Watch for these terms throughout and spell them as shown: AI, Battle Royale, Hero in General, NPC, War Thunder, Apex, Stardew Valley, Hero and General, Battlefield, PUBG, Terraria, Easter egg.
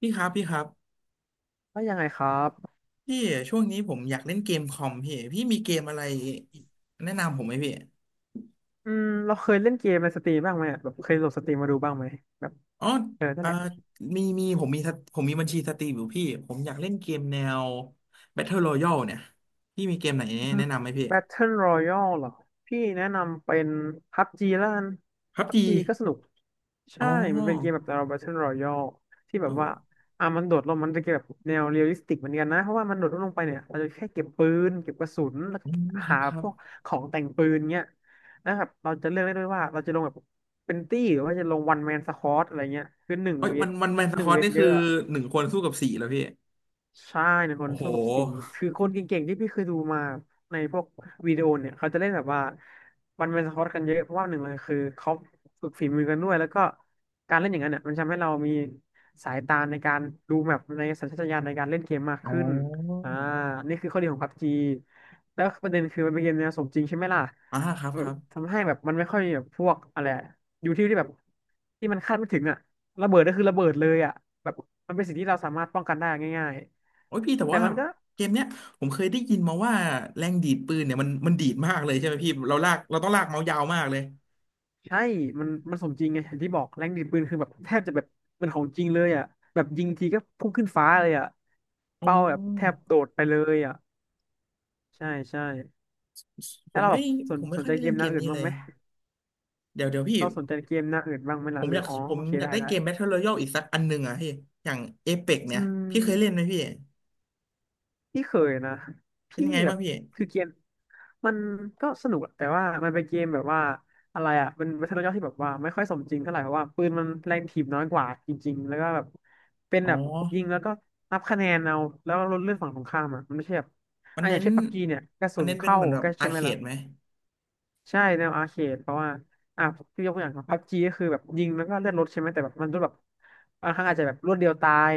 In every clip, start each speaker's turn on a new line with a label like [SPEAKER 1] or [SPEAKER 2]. [SPEAKER 1] พี่ครับพี่ครับ
[SPEAKER 2] แล้วยังไงครับ
[SPEAKER 1] พี่ช่วงนี้ผมอยากเล่นเกมคอมพี่มีเกมอะไรแนะนำผมไหมพี่
[SPEAKER 2] เราเคยเล่นเกมในสตรีมบ้างไหมอะแบบเคยโหลดสตรีมมาดูบ้างไหมแบบ
[SPEAKER 1] อ๋อ
[SPEAKER 2] เออนั่น
[SPEAKER 1] อ่า
[SPEAKER 2] แหละ
[SPEAKER 1] มีผมมีบัญชีสตรีมอยู่พี่ผมอยากเล่นเกมแนว Battle Royale เนี่ยพี่มีเกมไหน
[SPEAKER 2] อืม
[SPEAKER 1] แนะนำไหมพี่
[SPEAKER 2] Battle Royale เหรอพี่แนะนำเป็น PUBG แล้วกัน
[SPEAKER 1] พับจี
[SPEAKER 2] PUBG ก็สนุก
[SPEAKER 1] อ๋
[SPEAKER 2] ใช่
[SPEAKER 1] อ
[SPEAKER 2] มันเป็นเกมแบบเรา Battle Royale ที่แบ
[SPEAKER 1] โอ้
[SPEAKER 2] บ
[SPEAKER 1] โห
[SPEAKER 2] ว่ามันโดดลงมันเป็นเกมแบบแนวเรียลลิสติกเหมือนกันนะเพราะว่ามันโดดลงไปเนี่ยเราจะแค่เก็บปืนเก็บกระสุนแล้ว
[SPEAKER 1] อื
[SPEAKER 2] ก็
[SPEAKER 1] มครั
[SPEAKER 2] หา
[SPEAKER 1] บครั
[SPEAKER 2] พ
[SPEAKER 1] บ
[SPEAKER 2] วกของแต่งปืนเงี้ยแล้วแบบเราจะเลือกได้ด้วยว่าเราจะลงแบบเป็นตี้หรือว่าจะลงวันแมนสควอตอะไรเงี้ยคือหนึ่ง
[SPEAKER 1] โอ้ย
[SPEAKER 2] เว
[SPEAKER 1] วั
[SPEAKER 2] ท
[SPEAKER 1] นวันแมนสคอตนี่
[SPEAKER 2] เย
[SPEAKER 1] คือ
[SPEAKER 2] อะ
[SPEAKER 1] หนึ่งคนสู้กับสี่แล้วพี่
[SPEAKER 2] ใช่ในคน
[SPEAKER 1] โอ้โห
[SPEAKER 2] สู้กับสีคือคนเก่งๆที่พี่เคยดูมาในพวกวิดีโอเนี่ยเขาจะเล่นแบบว่ามันเป็นสควอตกันเยอะเพราะว่าหนึ่งเลยคือเขาฝึกฝีมือกันด้วยแล้วก็การเล่นอย่างนั้นเนี่ยมันทำให้เรามีสายตาในการดูแมปในสัญชาตญาณในการเล่นเกมมาก
[SPEAKER 1] อ๋อ
[SPEAKER 2] ขึ้นอ่านี่คือข้อดีของพับจีแล้วประเด็นคือมันเป็นเกมแนวสมจริงใช่ไหมล่ะ
[SPEAKER 1] อ่าครับ
[SPEAKER 2] แบ
[SPEAKER 1] ค
[SPEAKER 2] บ
[SPEAKER 1] รับ
[SPEAKER 2] ทำให้แบบมันไม่ค่อยแบบพวกอะไรอะอยู่ที่ที่แบบที่มันคาดไม่ถึงอะระเบิดก็คือระเบิดเลยอะแบบมันเป็นสิ่งที่เราสามารถป้องกันได้ง่าย
[SPEAKER 1] โอ้ยพี่แต่
[SPEAKER 2] แต่
[SPEAKER 1] ว่า
[SPEAKER 2] มันก็
[SPEAKER 1] เกมเนี้ยผมเคยได้ยินมาว่าแรงดีดปืนเนี่ยมันดีดมากเลยใช่ไหมพี่เราลากเราต้องลากเมาส์ยาวมากเลย
[SPEAKER 2] ใช่ มันสมจริงไงอย่างที่บอกแรงดีดปืนคือแบบแทบจะแบบเป็นของจริงเลยอ่ะแบบยิงทีก็พุ่งขึ้นฟ้าเลยอ่ะ
[SPEAKER 1] อ๋
[SPEAKER 2] เป้าแบบแท
[SPEAKER 1] อ
[SPEAKER 2] บโดดไปเลยอ่ะใช่ใช่
[SPEAKER 1] ผ
[SPEAKER 2] แล้ว
[SPEAKER 1] ม
[SPEAKER 2] เราแบ
[SPEAKER 1] ไม่
[SPEAKER 2] บส
[SPEAKER 1] ผ
[SPEAKER 2] น
[SPEAKER 1] มไม่
[SPEAKER 2] สน
[SPEAKER 1] ค่อย
[SPEAKER 2] ใจ
[SPEAKER 1] ได้
[SPEAKER 2] เก
[SPEAKER 1] เล่น
[SPEAKER 2] มห
[SPEAKER 1] เก
[SPEAKER 2] น้า
[SPEAKER 1] ม
[SPEAKER 2] อื่น
[SPEAKER 1] นี้
[SPEAKER 2] บ้า
[SPEAKER 1] เล
[SPEAKER 2] ง
[SPEAKER 1] ย
[SPEAKER 2] ไหม
[SPEAKER 1] เดี๋ยวเดี๋ยวพี่
[SPEAKER 2] เราสนใจเกมหน้าอื่นบ้างไหมล่ะหรืออ๋อ
[SPEAKER 1] ผ
[SPEAKER 2] โอ
[SPEAKER 1] ม
[SPEAKER 2] เค
[SPEAKER 1] อยาก
[SPEAKER 2] ได้
[SPEAKER 1] ได้
[SPEAKER 2] ได้
[SPEAKER 1] เกม Battle Royale อีกสักอันหนึ่งอ่ะพี่อย่าง Apex
[SPEAKER 2] อื
[SPEAKER 1] เนี่ยพี่เคยเล่นไหม
[SPEAKER 2] ม
[SPEAKER 1] พี่
[SPEAKER 2] พี่เคยนะ
[SPEAKER 1] เป็น
[SPEAKER 2] พี่
[SPEAKER 1] ยังไง
[SPEAKER 2] แบ
[SPEAKER 1] บ้า
[SPEAKER 2] บ
[SPEAKER 1] งพี่
[SPEAKER 2] คือเกมมันก็สนุกอะแต่ว่ามันเป็นเกมแบบว่าอะไรอ่ะมันเป็นบัตเทิลรยันย่อที่แบบว่าไม่ค่อยสมจริงเท่าไหร่เพราะว่าปืนมันแรงถีบน้อยกว่าจริงๆแล้วก็แบบเป็น
[SPEAKER 1] อ๋อ
[SPEAKER 2] แบบยิงแล้วก็นับคะแนนเอาแล้วก็ลดเลื่อนฝั่งตรงข้ามอะมันไม่ใช่แบบ
[SPEAKER 1] มัน
[SPEAKER 2] อ่ะอ
[SPEAKER 1] เน้
[SPEAKER 2] ย่าง
[SPEAKER 1] น
[SPEAKER 2] เช่นพับจีเนี่ยกระ
[SPEAKER 1] มั
[SPEAKER 2] สุ
[SPEAKER 1] น
[SPEAKER 2] น
[SPEAKER 1] เน้นเป็น
[SPEAKER 2] เข้า
[SPEAKER 1] เหมือนแบบ
[SPEAKER 2] ก็
[SPEAKER 1] อา
[SPEAKER 2] ใช่
[SPEAKER 1] ร์
[SPEAKER 2] ไหม
[SPEAKER 1] เค
[SPEAKER 2] ล่ะ
[SPEAKER 1] ดไหม
[SPEAKER 2] ใช่แนวอาร์เคดเพราะว่าอ่ะพี่ยกตัวอย่างพับจีก็คือแบบยิงแล้วก็เลือดลดใช่ไหมแต่แบบมันรู้แบบบางครั้งอาจจะแบบรวดเดียวตาย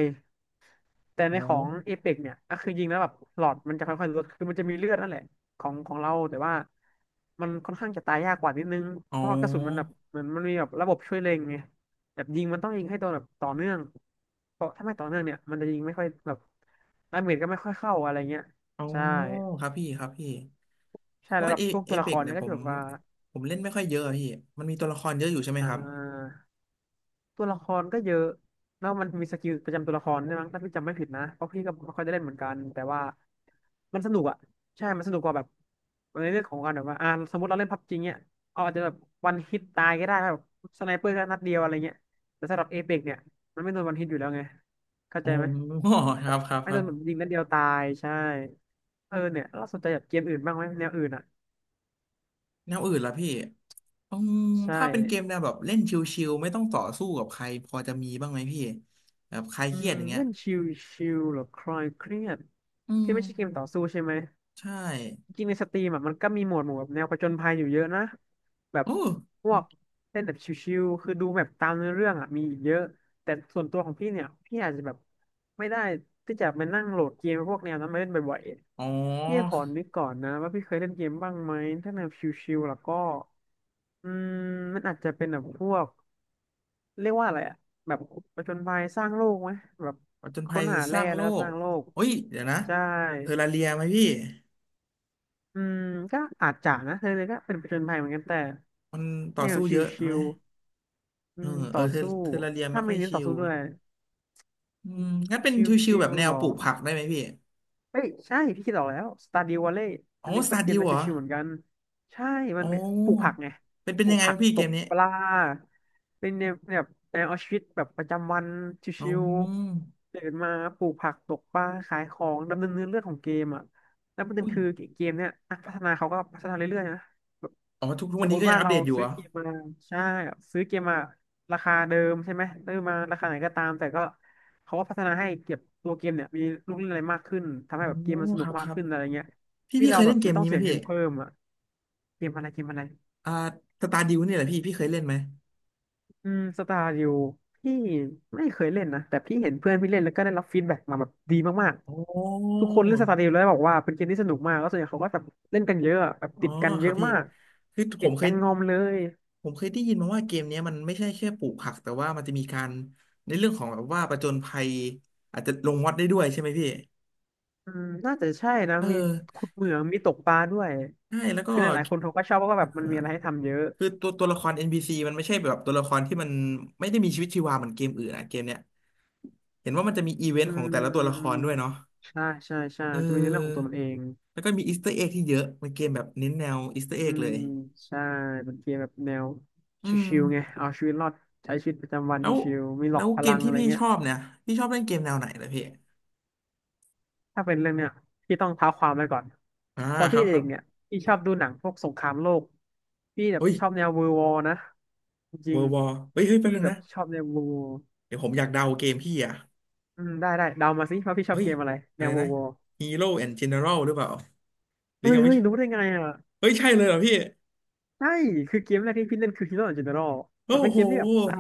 [SPEAKER 2] แต่ใน
[SPEAKER 1] อ๋อ
[SPEAKER 2] ของเอ e ปกเนี่ยก็คือยิงแล้วแบบหลอดมันจะค่อยๆลดคือมันจะมีเลือดนั่นแหละของเราแต่ว่ามันค่อนข้างจะตายยากกว่านิดนึง
[SPEAKER 1] อ๋อ
[SPEAKER 2] เพราะว่ากระสุนมันแบบเหมือนมันมีแบบระบบช่วยเล็งไงแบบยิงมันต้องยิงให้โดนแบบต่อเนื่องเพราะถ้าไม่ต่อเนื่องเนี่ยมันจะยิงไม่ค่อยแบบดาเมจก็ไม่ค่อยเข้าอะไรเงี้ย
[SPEAKER 1] อ๋อ
[SPEAKER 2] ใช่
[SPEAKER 1] ครับพี่ครับพี่ เพ
[SPEAKER 2] ใช่
[SPEAKER 1] ราะ
[SPEAKER 2] แล้ว
[SPEAKER 1] ว่า
[SPEAKER 2] แบบพวก
[SPEAKER 1] เอ
[SPEAKER 2] ตัวละ
[SPEAKER 1] เป
[SPEAKER 2] ค
[SPEAKER 1] ก
[SPEAKER 2] ร
[SPEAKER 1] เนี่
[SPEAKER 2] เนี่
[SPEAKER 1] ย
[SPEAKER 2] ยก็จะแบบว่า
[SPEAKER 1] ผมเล่นไม่ค่อยเยอะอะพี่มันมีตัวละครเยอะอยู่ใช่ไหม
[SPEAKER 2] อ่า
[SPEAKER 1] ครับ
[SPEAKER 2] ตัวละครก็เยอะแล้วมันมีสกิลประจำตัวละครใช่ไหมยถ้าพี่จำไม่ผิดนะเพราะพี่ก็ไม่ค่อยได้เล่นเหมือนกัน แต่ว่ามันสนุกอ่ะใช่มันสนุกกว่าแบบในเรื่องของการแบบว่าอ่าสมมติเราเล่นพับจริงเนี่ยเอาอาจจะแบบวันฮิตตายก็ได้แบบสไนเปอร์ก็นัดเดียวอะไรเงี้ย แต่สำหรับเอเปกเนี่ย มันไม่โดนวันฮิตอยู่แล้วไงเข้า
[SPEAKER 1] อ๋
[SPEAKER 2] ใจไหม
[SPEAKER 1] อค
[SPEAKER 2] แบ
[SPEAKER 1] รั
[SPEAKER 2] บ
[SPEAKER 1] บครับ
[SPEAKER 2] ไม่
[SPEAKER 1] ค
[SPEAKER 2] โด
[SPEAKER 1] รับ
[SPEAKER 2] นแบบยิงนัดเดียวตายใช่เออเนี่ยเราสนใจแบบเกมอื่นบ้างไหมแนวอื่นอ่ะ
[SPEAKER 1] แนวอื่นล่ะพี่อืม
[SPEAKER 2] ใช่
[SPEAKER 1] ถ้าเป็นเกมแนวแบบเล่นชิลๆไม่ต้องต่อสู้กับใครพอจะมีบ้างไหมพี่แบบใครเครียดอย่างเงี้ย
[SPEAKER 2] เล่นชิลหรือคลายเครียด
[SPEAKER 1] อืม
[SPEAKER 2] ที่ไม่ใช่เกมต่อสู้ใช่ไหม
[SPEAKER 1] ใช่
[SPEAKER 2] จริงในสตรีมอ่ะมันก็มีโหมดหมู่แบบแนวผจญภัยอยู่เยอะนะแบบ
[SPEAKER 1] โอ
[SPEAKER 2] พ
[SPEAKER 1] ้
[SPEAKER 2] วกเล่นแบบชิวๆคือดูแบบตามเนื้อเรื่องอ่ะมีอีกเยอะแต่ส่วนตัวของพี่เนี่ยพี่อาจจะแบบไม่ได้ที่จะมานั่งโหลดเกมพวกแนวนั้นมาเล่นบ่อย
[SPEAKER 1] อ๋อ
[SPEAKER 2] ๆพี่ขอนึกก่อนนะว่าพี่เคยเล่นเกมบ้างไหมถ้าแนวชิวๆแล้วก็อืมมันอาจจะเป็นแบบพวกเรียกว่าอะไรอ่ะแบบผจญภัยสร้างโลกไหมแบบ
[SPEAKER 1] ผจญภั
[SPEAKER 2] ค้น
[SPEAKER 1] ย
[SPEAKER 2] หา
[SPEAKER 1] ส
[SPEAKER 2] แร่
[SPEAKER 1] ร้าง
[SPEAKER 2] แล้
[SPEAKER 1] โล
[SPEAKER 2] วก็ส
[SPEAKER 1] ก
[SPEAKER 2] ร้างโลก
[SPEAKER 1] เฮ้ยเดี๋ยวนะ
[SPEAKER 2] ใช่
[SPEAKER 1] เทอร์ราเรียไหมพี่
[SPEAKER 2] อืมก็อาจจะนะเธอเลยก็เป็นผจญภัยเหมือนกันแต่
[SPEAKER 1] มันต่อ
[SPEAKER 2] แนว
[SPEAKER 1] สู้
[SPEAKER 2] ช
[SPEAKER 1] เยอะไห
[SPEAKER 2] ิ
[SPEAKER 1] ม
[SPEAKER 2] ลๆ
[SPEAKER 1] เออเอ
[SPEAKER 2] ต่
[SPEAKER 1] อ
[SPEAKER 2] อสู้
[SPEAKER 1] เทอร์ราเรียไม่
[SPEAKER 2] ถ้า
[SPEAKER 1] ค่
[SPEAKER 2] ไม่
[SPEAKER 1] อย
[SPEAKER 2] เน้น
[SPEAKER 1] ชิ
[SPEAKER 2] ต่อ
[SPEAKER 1] ล
[SPEAKER 2] สู้ด้วย
[SPEAKER 1] อื
[SPEAKER 2] อื
[SPEAKER 1] ม
[SPEAKER 2] ม
[SPEAKER 1] งั้นเป็
[SPEAKER 2] ช
[SPEAKER 1] นชิว
[SPEAKER 2] ิ
[SPEAKER 1] ๆแบบ
[SPEAKER 2] ล
[SPEAKER 1] แน
[SPEAKER 2] ๆห
[SPEAKER 1] ว
[SPEAKER 2] รอ
[SPEAKER 1] ปลูกผักได้ไหมพี่
[SPEAKER 2] เอ้ยใช่พี่คิดออกแล้วสตาร์ดิววอลเล์
[SPEAKER 1] อ๋
[SPEAKER 2] อั
[SPEAKER 1] อ
[SPEAKER 2] นนี้
[SPEAKER 1] ส
[SPEAKER 2] เป็
[SPEAKER 1] ตา
[SPEAKER 2] น
[SPEAKER 1] ร์
[SPEAKER 2] เก
[SPEAKER 1] ดิ
[SPEAKER 2] ม
[SPEAKER 1] ว
[SPEAKER 2] ใน
[SPEAKER 1] เหรอ
[SPEAKER 2] ชิวๆเหมือนกันใช่มัน
[SPEAKER 1] อ๋
[SPEAKER 2] ปลูกผัก
[SPEAKER 1] อ
[SPEAKER 2] ไง
[SPEAKER 1] เป็นเป็
[SPEAKER 2] ป
[SPEAKER 1] น
[SPEAKER 2] ลู
[SPEAKER 1] ยั
[SPEAKER 2] ก
[SPEAKER 1] งไง
[SPEAKER 2] ผัก
[SPEAKER 1] พี่
[SPEAKER 2] ต
[SPEAKER 1] เก
[SPEAKER 2] ก
[SPEAKER 1] มนี้
[SPEAKER 2] ปลาเป็นแนวแบบแนวเอาชีวิตแบบประจำวันช
[SPEAKER 1] อ๋
[SPEAKER 2] ิว
[SPEAKER 1] อ
[SPEAKER 2] ๆเดินมาปลูกผักตกปลาขายของดำเนินเนื้อเรื่องของเกมอ่ะแล้วประเด็น
[SPEAKER 1] อุ้ย
[SPEAKER 2] คือเกมเนี่ยนักพัฒนาเขาก็พัฒนาเรื่อยๆนะแบบ
[SPEAKER 1] อ๋อทุก
[SPEAKER 2] ส
[SPEAKER 1] วัน
[SPEAKER 2] มม
[SPEAKER 1] นี้ก็
[SPEAKER 2] ติ
[SPEAKER 1] ยั
[SPEAKER 2] ว่า
[SPEAKER 1] งอัป
[SPEAKER 2] เรา
[SPEAKER 1] เดตอยู่
[SPEAKER 2] ซื้
[SPEAKER 1] เห
[SPEAKER 2] อ
[SPEAKER 1] รอ
[SPEAKER 2] เกมมาใช่ซื้อเกมมาราคาเดิมใช่ไหมซื้อมาราคาไหนก็ตามแต่ก็ เขาก็พัฒนาให้เก็บตัวเกมเนี่ยมีลูกเล่นอะไรมากขึ้นทำ
[SPEAKER 1] อ๋
[SPEAKER 2] ให้
[SPEAKER 1] อ
[SPEAKER 2] แบบเกมมันส
[SPEAKER 1] ค
[SPEAKER 2] นุ
[SPEAKER 1] รั
[SPEAKER 2] ก
[SPEAKER 1] บ
[SPEAKER 2] มา
[SPEAKER 1] ค
[SPEAKER 2] ก
[SPEAKER 1] รับ
[SPEAKER 2] ขึ้นอะไรเงี้ย
[SPEAKER 1] พี่
[SPEAKER 2] ที่
[SPEAKER 1] พี่เค
[SPEAKER 2] เรา
[SPEAKER 1] ย
[SPEAKER 2] แบ
[SPEAKER 1] เล่
[SPEAKER 2] บ
[SPEAKER 1] นเก
[SPEAKER 2] ไม่
[SPEAKER 1] ม
[SPEAKER 2] ต้อง
[SPEAKER 1] นี้ไหม
[SPEAKER 2] เสีย
[SPEAKER 1] พี่
[SPEAKER 2] เงินเพิ่มอ่ะเกมอะไรเกมอะไร
[SPEAKER 1] อ่าสตาร์ดิวนี่แหละพี่เคยเล่นไหม
[SPEAKER 2] อืมสตาร์ดิวพี่ไม่เคยเล่นนะแต่พี่เห็นเพื่อนพี่เล่นแล้วก็ได้รับฟีดแบ็กมาแบบดีมาก
[SPEAKER 1] โอ้
[SPEAKER 2] ๆ
[SPEAKER 1] อ
[SPEAKER 2] ทุกคนเล่นสตาร์ดิวแล้วบอกว่าเป็นเกมที่สนุกมากแล้วส่วนใหญ่เขาก็แบบเล่นกันเยอะอะแบบ
[SPEAKER 1] ๋อ
[SPEAKER 2] ติดกัน
[SPEAKER 1] ค
[SPEAKER 2] เย
[SPEAKER 1] รับ
[SPEAKER 2] อะ
[SPEAKER 1] พี่
[SPEAKER 2] มาก
[SPEAKER 1] คือ
[SPEAKER 2] ติดกันงอมเลย
[SPEAKER 1] ผมเคยได้ยินมาว่าเกมเนี้ยมันไม่ใช่แค่ปลูกผักแต่ว่ามันจะมีการในเรื่องของแบบว่าผจญภัยอาจจะลงวัดได้ด้วยใช่ไหมพี่
[SPEAKER 2] อืมน่าจะใช่นะ
[SPEAKER 1] เออ
[SPEAKER 2] มีขุดเหมืองมีตกปลาด้วย
[SPEAKER 1] ใช่แล้วก็
[SPEAKER 2] คือหลายๆคนเขาก็ชอบเพราะว่า
[SPEAKER 1] เอ
[SPEAKER 2] แบบมั
[SPEAKER 1] อ
[SPEAKER 2] นมีอะไรให้ทำเยอะ
[SPEAKER 1] คือตัวละคร NPC มันไม่ใช่แบบตัวละครที่มันไม่ได้มีชีวิตชีวาเหมือนเกมอื่นอะเกมเนี้ยเห็นว่ามันจะมีอีเวน
[SPEAKER 2] อื
[SPEAKER 1] ต์ของแต่ละตัวละคร
[SPEAKER 2] ม
[SPEAKER 1] ด้วยเนาะ
[SPEAKER 2] ใช่ใช่
[SPEAKER 1] เ
[SPEAKER 2] มันจะมีในเรื่องของตัว
[SPEAKER 1] ออ
[SPEAKER 2] มันเอง
[SPEAKER 1] แล้วก็มีอีสเตอร์เอ็กที่เยอะเป็นเกมแบบเน้นแนวอีสเตอร์เอ็
[SPEAKER 2] อื
[SPEAKER 1] กเล
[SPEAKER 2] ม
[SPEAKER 1] ย
[SPEAKER 2] ใช่เป็นเกมแบบแนว
[SPEAKER 1] อืม
[SPEAKER 2] ชิวๆไงเอาชีวิตรอดใช้ชีวิตประจำวัน
[SPEAKER 1] แล้ว
[SPEAKER 2] ชิวๆมีหล
[SPEAKER 1] แล้
[SPEAKER 2] อก
[SPEAKER 1] ว
[SPEAKER 2] พ
[SPEAKER 1] เก
[SPEAKER 2] ลั
[SPEAKER 1] ม
[SPEAKER 2] ง
[SPEAKER 1] ที่
[SPEAKER 2] อะไร
[SPEAKER 1] พี่
[SPEAKER 2] เงี้
[SPEAKER 1] ช
[SPEAKER 2] ย
[SPEAKER 1] อบเนี่ยพี่ชอบเล่นเกมแนวไหนเหรอพี่
[SPEAKER 2] ถ้าเป็นเรื่องเนี้ยพี่ต้องเท้าความไปก่อน
[SPEAKER 1] อ่า
[SPEAKER 2] ตอน
[SPEAKER 1] ค
[SPEAKER 2] พี่
[SPEAKER 1] รับครั
[SPEAKER 2] เด็
[SPEAKER 1] บ
[SPEAKER 2] กๆเนี่ยพี่ชอบดูหนังพวกสงครามโลกพี่แบบ
[SPEAKER 1] เฮ้ย
[SPEAKER 2] ชอบแนวเวอร์วอร์นะจ
[SPEAKER 1] เว
[SPEAKER 2] ริ
[SPEAKER 1] อ
[SPEAKER 2] ง
[SPEAKER 1] ร์วอเฮ้ยเฮ้ย
[SPEAKER 2] ๆ
[SPEAKER 1] แป๊บ
[SPEAKER 2] พี่
[SPEAKER 1] นึง
[SPEAKER 2] แบบ
[SPEAKER 1] นะ
[SPEAKER 2] ชอบแนวเวอ์วอร์
[SPEAKER 1] เดี๋ยวผมอยากเดาเกมพี่อ่ะ
[SPEAKER 2] อืมได้ได้เดามาสิว่าพี่ชอ
[SPEAKER 1] เฮ้
[SPEAKER 2] บ
[SPEAKER 1] ย
[SPEAKER 2] เกมอะไรแน
[SPEAKER 1] อะไร
[SPEAKER 2] วเวอ
[SPEAKER 1] นะ
[SPEAKER 2] ร์วอร์
[SPEAKER 1] Hero and General หรือเปล่าหรือ
[SPEAKER 2] เฮ้ย
[SPEAKER 1] ยังไม่
[SPEAKER 2] เฮ้ยรู้ได้ไงอ่ะ
[SPEAKER 1] เฮ้ยใช่เลยเหรอพี่
[SPEAKER 2] ใช่ คือเกมแรกที่พี่เล่นคือ Hero in General
[SPEAKER 1] โอ้
[SPEAKER 2] มันเป็น
[SPEAKER 1] โห
[SPEAKER 2] เกมที่แบบ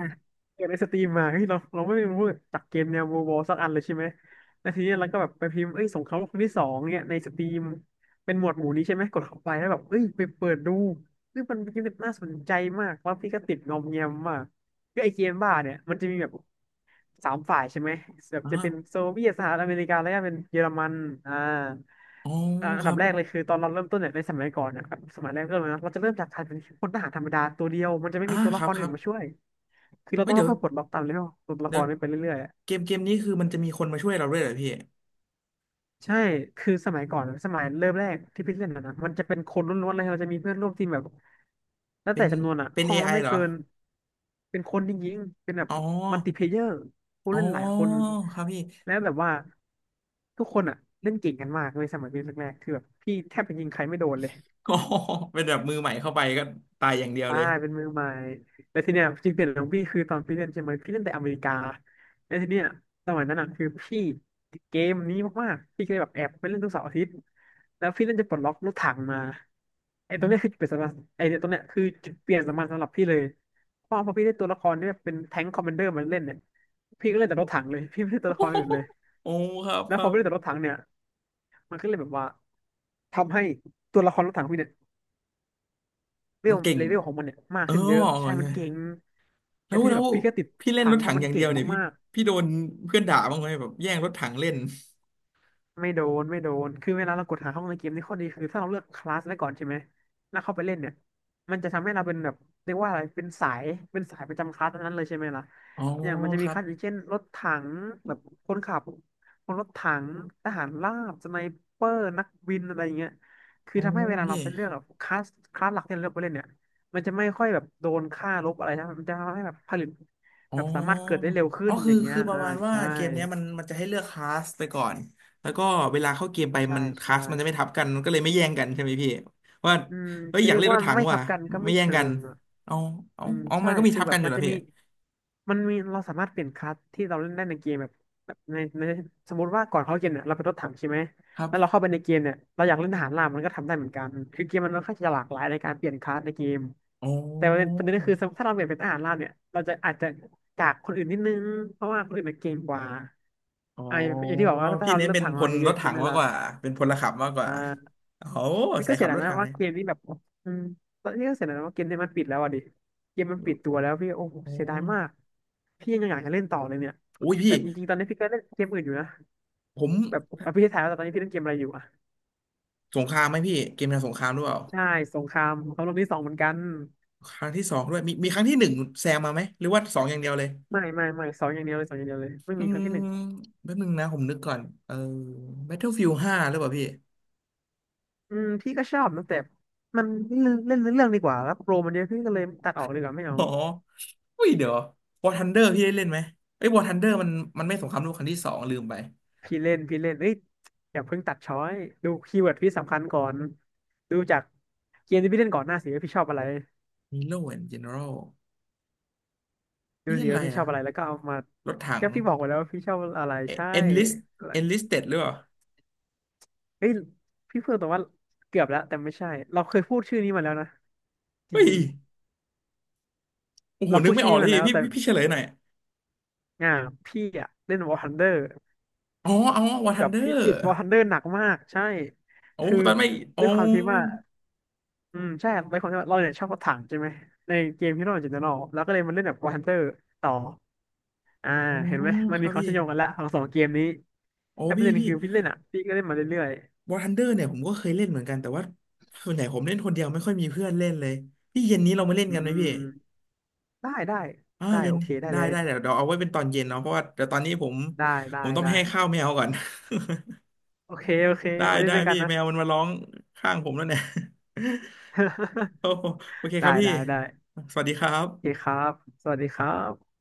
[SPEAKER 2] เกิดในสตรีมมาเฮ้ยเราไม่รู้จักเกมแนว World War สักอันเลยใช่ไหมแล้วทีนี้เราก็แบบไปพิมพ์เอ้ยสงครามโลกครั้งที่สองเนี่ยในสตรีมเป็นหมวดหมู่นี้ใช่ไหม กดเข้าไปแล้วแบบเอ้ยไปเปิดดูเฮ้ยมันเป็นเกมที่น่าสนใจมากแล้วพี่ก็ติดงอมแงมมากคือไอเกมบ้าเนี่ยมันจะมีแบบ สามฝ่ายใช่ไหมแบบจะเป็น
[SPEAKER 1] อ่า
[SPEAKER 2] โซเวียตสหรัฐอเมริกาแล้วก็เป็นเยอรมันอ่า
[SPEAKER 1] อ๋อ
[SPEAKER 2] อ่าอั
[SPEAKER 1] ค
[SPEAKER 2] น
[SPEAKER 1] รั
[SPEAKER 2] ดับ
[SPEAKER 1] บ
[SPEAKER 2] แรกเลยคือตอนเราเริ่มต้นเนี่ยในสมัยก่อนนะครับสมัยแรกเริ่มเลยนะเราจะเริ่มจากการเป็นพลทหารธรรมดาตัวเดียว มันจะไม่
[SPEAKER 1] อ่า
[SPEAKER 2] มีตัว
[SPEAKER 1] ค
[SPEAKER 2] ละ
[SPEAKER 1] รั
[SPEAKER 2] ค
[SPEAKER 1] บ
[SPEAKER 2] ร
[SPEAKER 1] ค
[SPEAKER 2] อื่
[SPEAKER 1] รั
[SPEAKER 2] น
[SPEAKER 1] บ
[SPEAKER 2] มาช่วย คือเรา
[SPEAKER 1] เฮ้
[SPEAKER 2] ต้
[SPEAKER 1] ย
[SPEAKER 2] อง
[SPEAKER 1] เดี๋ยว
[SPEAKER 2] ค่อยๆปลดล็อกตามเลเวลตัวละค
[SPEAKER 1] เดี๋ยว
[SPEAKER 2] รนี้ไปเรื่อย
[SPEAKER 1] เกมนี้คือมันจะมีคนมาช่วยเราด้วยเหรอพี่
[SPEAKER 2] ใช่ คือสมัยก่อน สมัยเริ่มแรกที่พี่เล่นนะมันจะเป็นคนล้วนๆเลยเราจะมีเพื่อนร่วมทีมแบบ แล้ว
[SPEAKER 1] เป็
[SPEAKER 2] แต่
[SPEAKER 1] น
[SPEAKER 2] จำนวนอ่ะ
[SPEAKER 1] เป็น
[SPEAKER 2] ห้องละ
[SPEAKER 1] AI
[SPEAKER 2] ไม่
[SPEAKER 1] เหรอ
[SPEAKER 2] เกิน เป็นคนจริงๆ เป็นแบบ
[SPEAKER 1] อ๋อ
[SPEAKER 2] มัลติเพลเยอร์ผู้
[SPEAKER 1] อ๋อ
[SPEAKER 2] เล่นหลายคน
[SPEAKER 1] ครับพี่
[SPEAKER 2] แล้วแบบว่าทุกคนอ่ะเล่นเก่งกันมากเลยสมัยเริ่นแรกๆคือแบบพี่แทบจะยิงใครไม่โดนเลย
[SPEAKER 1] อ๋อเป็นแบบมือใหม่เข้าไปก็ตายอย่างเดียว
[SPEAKER 2] ใช่
[SPEAKER 1] เลย
[SPEAKER 2] เป็นมือใหม่แล้วทีเนี้ยจุดเปลี่ยนของพี่คือตอนพี่เล่นใช่ไหมพี่เล่นแต่อเมริกาแล้วทีเนี้ยสมัยนั้นอ่ะคือพี่ติดเกมนี้มากๆพี่ก็เลยแบบแอบไปเล่นทุกเสาร์อาทิตย์แล้วพี่เล่นจะปลดล็อกรถถังมาไอ้ตรงเนี้ยคือจุดเป ลี่ยนสำคัญไอ้เนี่ยตรงเนี้ยคือจุดเปลี่ยนสำคัญสำหรับพี่เลยเพราะพอพี่ได้ตัวละครเนี่ยเป็นแทงค์คอมมานเดอร์มาเล่นเนี่ยพี่ก็เล่นแต่รถถังเลยพี่ไม่เล่นตัว
[SPEAKER 1] โอ้
[SPEAKER 2] ละคร
[SPEAKER 1] โห
[SPEAKER 2] อื่นเลย
[SPEAKER 1] โอ้ครับ
[SPEAKER 2] แล้
[SPEAKER 1] ค
[SPEAKER 2] วพ
[SPEAKER 1] รั
[SPEAKER 2] อ
[SPEAKER 1] บ
[SPEAKER 2] ไม่เล่นแต่รถถังเนี่ยมันก็เลยแบบว่าทำให้ตัวละครรถถังพี่เนี่ย เว
[SPEAKER 1] มัน
[SPEAKER 2] ล
[SPEAKER 1] เก่ง
[SPEAKER 2] เลเวลของมันเนี่ยมาก
[SPEAKER 1] เออ
[SPEAKER 2] ขึ้นเยอะใช่มัน
[SPEAKER 1] เนี่ย
[SPEAKER 2] เก่งไอ้
[SPEAKER 1] แล้ว
[SPEAKER 2] ที่
[SPEAKER 1] แล้
[SPEAKER 2] แบ
[SPEAKER 1] ว
[SPEAKER 2] บพี่ก็ติด
[SPEAKER 1] พี่เล่น
[SPEAKER 2] ทา
[SPEAKER 1] ร
[SPEAKER 2] ง
[SPEAKER 1] ถ
[SPEAKER 2] เพ
[SPEAKER 1] ถั
[SPEAKER 2] ราะ
[SPEAKER 1] ง
[SPEAKER 2] มั
[SPEAKER 1] อ
[SPEAKER 2] น
[SPEAKER 1] ย่างเดี
[SPEAKER 2] เก่
[SPEAKER 1] ย
[SPEAKER 2] ง
[SPEAKER 1] วเนี่ยพี่
[SPEAKER 2] มาก
[SPEAKER 1] พี่โดนเพื่อนด่าบ้างไหมแบบแย่งรถถังเล่น
[SPEAKER 2] ไม่โดน คือเวลาเรากดหาห้องในเกมนี่ข้อดีคือถ้าเราเลือกคลาสไว้ก่อนใช่ไหมแล้วเข้าไปเล่นเนี่ยมันจะทำให้เราเป็นแบบเรียกว่าอะไรเป็นสายเป็นสายประจำคลาสนั้นเลยใช่ไหมล่ะ
[SPEAKER 1] อ๋อ
[SPEAKER 2] อย่างมันจะ
[SPEAKER 1] ค
[SPEAKER 2] มี
[SPEAKER 1] รั
[SPEAKER 2] ค
[SPEAKER 1] บ
[SPEAKER 2] ลาสอย่างเช่นรถถังแบบคนขับคนรถถังทหารราบสไนเปอร์นักบินอะไรอย่างเงี้ยคือ
[SPEAKER 1] อ๋อ
[SPEAKER 2] ทำให้เวลาเรา
[SPEAKER 1] พี่
[SPEAKER 2] ไปเลือกแบบคลาสคลาสหลักที่เราเลือกไปเล่นเนี่ยมันจะไม่ค่อยแบบโดนค่าลบอะไรนะมันจะทำให้แบบผลิตแบ
[SPEAKER 1] อ๋อ
[SPEAKER 2] บสามารถเกิดได้เร็วขึ้
[SPEAKER 1] อ๋อ
[SPEAKER 2] นอ
[SPEAKER 1] คือ
[SPEAKER 2] ย่างเงี้ย
[SPEAKER 1] คือประ
[SPEAKER 2] อ่า
[SPEAKER 1] มาณว่า
[SPEAKER 2] ใช่
[SPEAKER 1] เกมเนี้ยมันจะให้เลือกคลาสไปก่อนแล้วก็เวลาเข้าเกมไป
[SPEAKER 2] ใช่
[SPEAKER 1] มันคลาส
[SPEAKER 2] ใช่
[SPEAKER 1] มันจะไม่ทับกันมันก็เลยไม่แย่งกันใช่ไหมพี่ว่า
[SPEAKER 2] อืม
[SPEAKER 1] เฮ้ย
[SPEAKER 2] จะ
[SPEAKER 1] อยา
[SPEAKER 2] เรี
[SPEAKER 1] ก
[SPEAKER 2] ยก
[SPEAKER 1] เล่นร
[SPEAKER 2] ว่า
[SPEAKER 1] ถถัง
[SPEAKER 2] ไม่ทั
[SPEAKER 1] ว่ะ
[SPEAKER 2] บกันก็
[SPEAKER 1] ไม่
[SPEAKER 2] ไม่
[SPEAKER 1] แย่ง
[SPEAKER 2] เชิ
[SPEAKER 1] กัน
[SPEAKER 2] งอ่ะ
[SPEAKER 1] เอาเอา
[SPEAKER 2] อืม
[SPEAKER 1] เอามั
[SPEAKER 2] ใช่
[SPEAKER 1] นก็มี
[SPEAKER 2] คือ
[SPEAKER 1] ทับ
[SPEAKER 2] แบ
[SPEAKER 1] กั
[SPEAKER 2] บ
[SPEAKER 1] นอยู่
[SPEAKER 2] มัน
[SPEAKER 1] แล้ว
[SPEAKER 2] จะ
[SPEAKER 1] พี่
[SPEAKER 2] มีมันมีเราสามารถเปลี่ยนคลาสที่เราเล่นได้ในเกมแบบแบบในสมมติว่าก่อนเข้าเกมเนี่ยเราเป็นรถถังใช่ไหม
[SPEAKER 1] ครั
[SPEAKER 2] แล้วเรา
[SPEAKER 1] บ
[SPEAKER 2] เข้าไปในเกมเนี่ยเราอยากเล่นทหารราบมันก็ทำได้เหมือนกันคือเกมมันค่อนข้างจะหลากหลายในการเปลี่ยนคลาสในเกม
[SPEAKER 1] อ๋
[SPEAKER 2] แต่ประเด็นป
[SPEAKER 1] อ
[SPEAKER 2] ระเด็นก็คือถ้าเราเปลี่ยนเป็นทหารราบเนี่ยเราจะอาจจะจากคนอื่นนิดนึงเพราะว่าคนอื่นมันเก่งกว่า
[SPEAKER 1] อ๋อ
[SPEAKER 2] อ่าอย่างที่บอกว่าถ้า
[SPEAKER 1] พี่
[SPEAKER 2] เรา
[SPEAKER 1] เน้น
[SPEAKER 2] เล่น
[SPEAKER 1] เป็น
[SPEAKER 2] ถัง
[SPEAKER 1] พ
[SPEAKER 2] มา
[SPEAKER 1] ล
[SPEAKER 2] เย
[SPEAKER 1] รถ
[SPEAKER 2] อะๆ
[SPEAKER 1] ถั
[SPEAKER 2] ใช่
[SPEAKER 1] ง
[SPEAKER 2] ไหม
[SPEAKER 1] มาก
[SPEAKER 2] ล่ะ
[SPEAKER 1] กว่าเป็นพลขับมากกว่า
[SPEAKER 2] อ่า
[SPEAKER 1] โอ้โห
[SPEAKER 2] นี่
[SPEAKER 1] สา
[SPEAKER 2] ก็
[SPEAKER 1] ย
[SPEAKER 2] เสี
[SPEAKER 1] ขั
[SPEAKER 2] ย
[SPEAKER 1] บ
[SPEAKER 2] ดา
[SPEAKER 1] ร
[SPEAKER 2] ย
[SPEAKER 1] ถ
[SPEAKER 2] นะ
[SPEAKER 1] ถังเล
[SPEAKER 2] ว่า
[SPEAKER 1] ย
[SPEAKER 2] เกมนี้แบบอืมตอนนี้ก็เสียดายนะว่าเกมนี้มันปิดแล้วอ่ะดิเกมมันปิดตัวแล้วพี่โอ้โห
[SPEAKER 1] โอ้
[SPEAKER 2] เสียดายมากพี่ยังอยากจะเล่นต่อเลยเนี่ย
[SPEAKER 1] โอ้ยพี่
[SPEAKER 2] แต่จริงๆตอนนี้พี่ก็เล่นเกมอื่นอยู่นะ
[SPEAKER 1] ผม
[SPEAKER 2] แบบอ่ะพี่จะถามว่าตอนนี้พี่เล่นเกมอะไรอยู่อ่ะ
[SPEAKER 1] สงครามไหมพี่ เกมแนวสงครามหรือเปล่า
[SPEAKER 2] ใช่สงครามเขาลงที่สองเหมือนกัน
[SPEAKER 1] ครั้งที่สองด้วยมีครั้งที่หนึ่งแซงมาไหมหรือว่าสองอย่างเดียวเลย
[SPEAKER 2] ไม่สองอย่างเดียวเลยสองอย่างเดียวเลยไม่
[SPEAKER 1] อื
[SPEAKER 2] มีครั้ง
[SPEAKER 1] ม
[SPEAKER 2] ที่หนึ่ง
[SPEAKER 1] แป๊บนึงนะผมนึกก่อนเออ Battlefield ห้าหรือเปล่าพี่
[SPEAKER 2] อืมพี่ก็ชอบนะแต่มันเล่นเล่นเรื่องดีกว่าแล้วโปรมันเยอะพี่ก็เลยตัดออกดีกว่าไม่เอา
[SPEAKER 1] อ๋ออุ้ยเดี๋ยว War Thunder พี่ได้เล่นไหมเอ้ย War Thunder มันไม่สงครามโลกครั้งที่สองลืมไป
[SPEAKER 2] พี่เล่นเอ้ยอย่าเพิ่งตัดช้อยดูคีย์เวิร์ดพี่สำคัญก่อนดูจากเกมที่พี่เล่นก่อนหน้าสิว่าพี่ชอบอะไร
[SPEAKER 1] Hero and General
[SPEAKER 2] ดู
[SPEAKER 1] พี่เล่
[SPEAKER 2] สิ
[SPEAKER 1] นอะไร
[SPEAKER 2] ว่าพี่ช
[SPEAKER 1] อะ
[SPEAKER 2] อบอะไรแล้วก็เอามา
[SPEAKER 1] รถถัง
[SPEAKER 2] ก็พี่บอกไว้แล้วว่าพี่ชอบอะไร
[SPEAKER 1] เอ
[SPEAKER 2] ใช่
[SPEAKER 1] Enlist
[SPEAKER 2] อะไร
[SPEAKER 1] Enlisted หรือเปล่า
[SPEAKER 2] เฮ้ยพี่เพิ่งแต่ว่าเกือบแล้วแต่ไม่ใช่เราเคยพูดชื่อนี้มาแล้วนะจ
[SPEAKER 1] เฮ้ย
[SPEAKER 2] ริง
[SPEAKER 1] โอ้
[SPEAKER 2] ๆ
[SPEAKER 1] โห
[SPEAKER 2] เรา
[SPEAKER 1] นึ
[SPEAKER 2] พู
[SPEAKER 1] ก
[SPEAKER 2] ด
[SPEAKER 1] ไม่
[SPEAKER 2] ชื่
[SPEAKER 1] อ
[SPEAKER 2] อ
[SPEAKER 1] อก
[SPEAKER 2] นี้
[SPEAKER 1] เลย
[SPEAKER 2] มาแล้ว
[SPEAKER 1] พี่
[SPEAKER 2] แต่
[SPEAKER 1] พี่พี่พี่เฉลยหน่อย
[SPEAKER 2] อ่าพี่อะเล่น War Thunder
[SPEAKER 1] อ๋ออ๋อ War
[SPEAKER 2] แบบพี่
[SPEAKER 1] Thunder
[SPEAKER 2] ติด War Thunder หนักมากใช่
[SPEAKER 1] โอ้
[SPEAKER 2] คือ
[SPEAKER 1] ตอนไม่อ๋อ
[SPEAKER 2] ด้วยความที่ว่า อืมใช่ครับเป็นคนที่ว่าเราเนี่ยชอบรถถังใช่ไหมในเกมฮีโร่จินตนอแล้วก็เลยมาเล่นแบบวอร์ฮันเตอร์ต่ออ่า
[SPEAKER 1] อ๋อ
[SPEAKER 2] เห็นไหมมัน
[SPEAKER 1] ค
[SPEAKER 2] มี
[SPEAKER 1] รับ
[SPEAKER 2] ความ
[SPEAKER 1] พี่
[SPEAKER 2] เชื่อมโยงกันละของสองเกมนี้
[SPEAKER 1] โอ้
[SPEAKER 2] แต่ประ
[SPEAKER 1] พี่
[SPEAKER 2] เด็น
[SPEAKER 1] พี่
[SPEAKER 2] คือพี่เล่นอ่ะพี่ก็เล่นมาเรื่อย
[SPEAKER 1] วอร์ทันเดอร์เนี่ยผมก็เคยเล่นเหมือนกันแต่ว่าส่วนใหญ่ผมเล่นคนเดียวไม่ค่อยมีเพื่อนเล่นเลยพี่เย็นนี้เรามาเล่
[SPEAKER 2] ๆ
[SPEAKER 1] น
[SPEAKER 2] อื
[SPEAKER 1] กันไหมพี่
[SPEAKER 2] มได้ได้
[SPEAKER 1] อ่า
[SPEAKER 2] ได้
[SPEAKER 1] เย็
[SPEAKER 2] โอ
[SPEAKER 1] น
[SPEAKER 2] เคได้
[SPEAKER 1] ได้
[SPEAKER 2] เลย
[SPEAKER 1] ได้เดี๋ยวเดี๋ยวเอาไว้เป็นตอนเย็นเนาะเพราะว่าเดี๋ยวตอนนี้ผม
[SPEAKER 2] ได้
[SPEAKER 1] ผ
[SPEAKER 2] ได้
[SPEAKER 1] มต้องไป
[SPEAKER 2] ได้
[SPEAKER 1] ให้ข้าวแมวก่อน
[SPEAKER 2] โอเคโอเค
[SPEAKER 1] ได้
[SPEAKER 2] ไว้เล่น
[SPEAKER 1] ได้
[SPEAKER 2] ด้วยกัน
[SPEAKER 1] พี่
[SPEAKER 2] นะ
[SPEAKER 1] แมวมันมาร้องข้างผมแล้วเนี่ย โอ้โหโอเคครั
[SPEAKER 2] ได้
[SPEAKER 1] บพี่
[SPEAKER 2] ได้ได้
[SPEAKER 1] สวัสดีครั
[SPEAKER 2] โอเค
[SPEAKER 1] บ
[SPEAKER 2] ครับสวัสดีครับ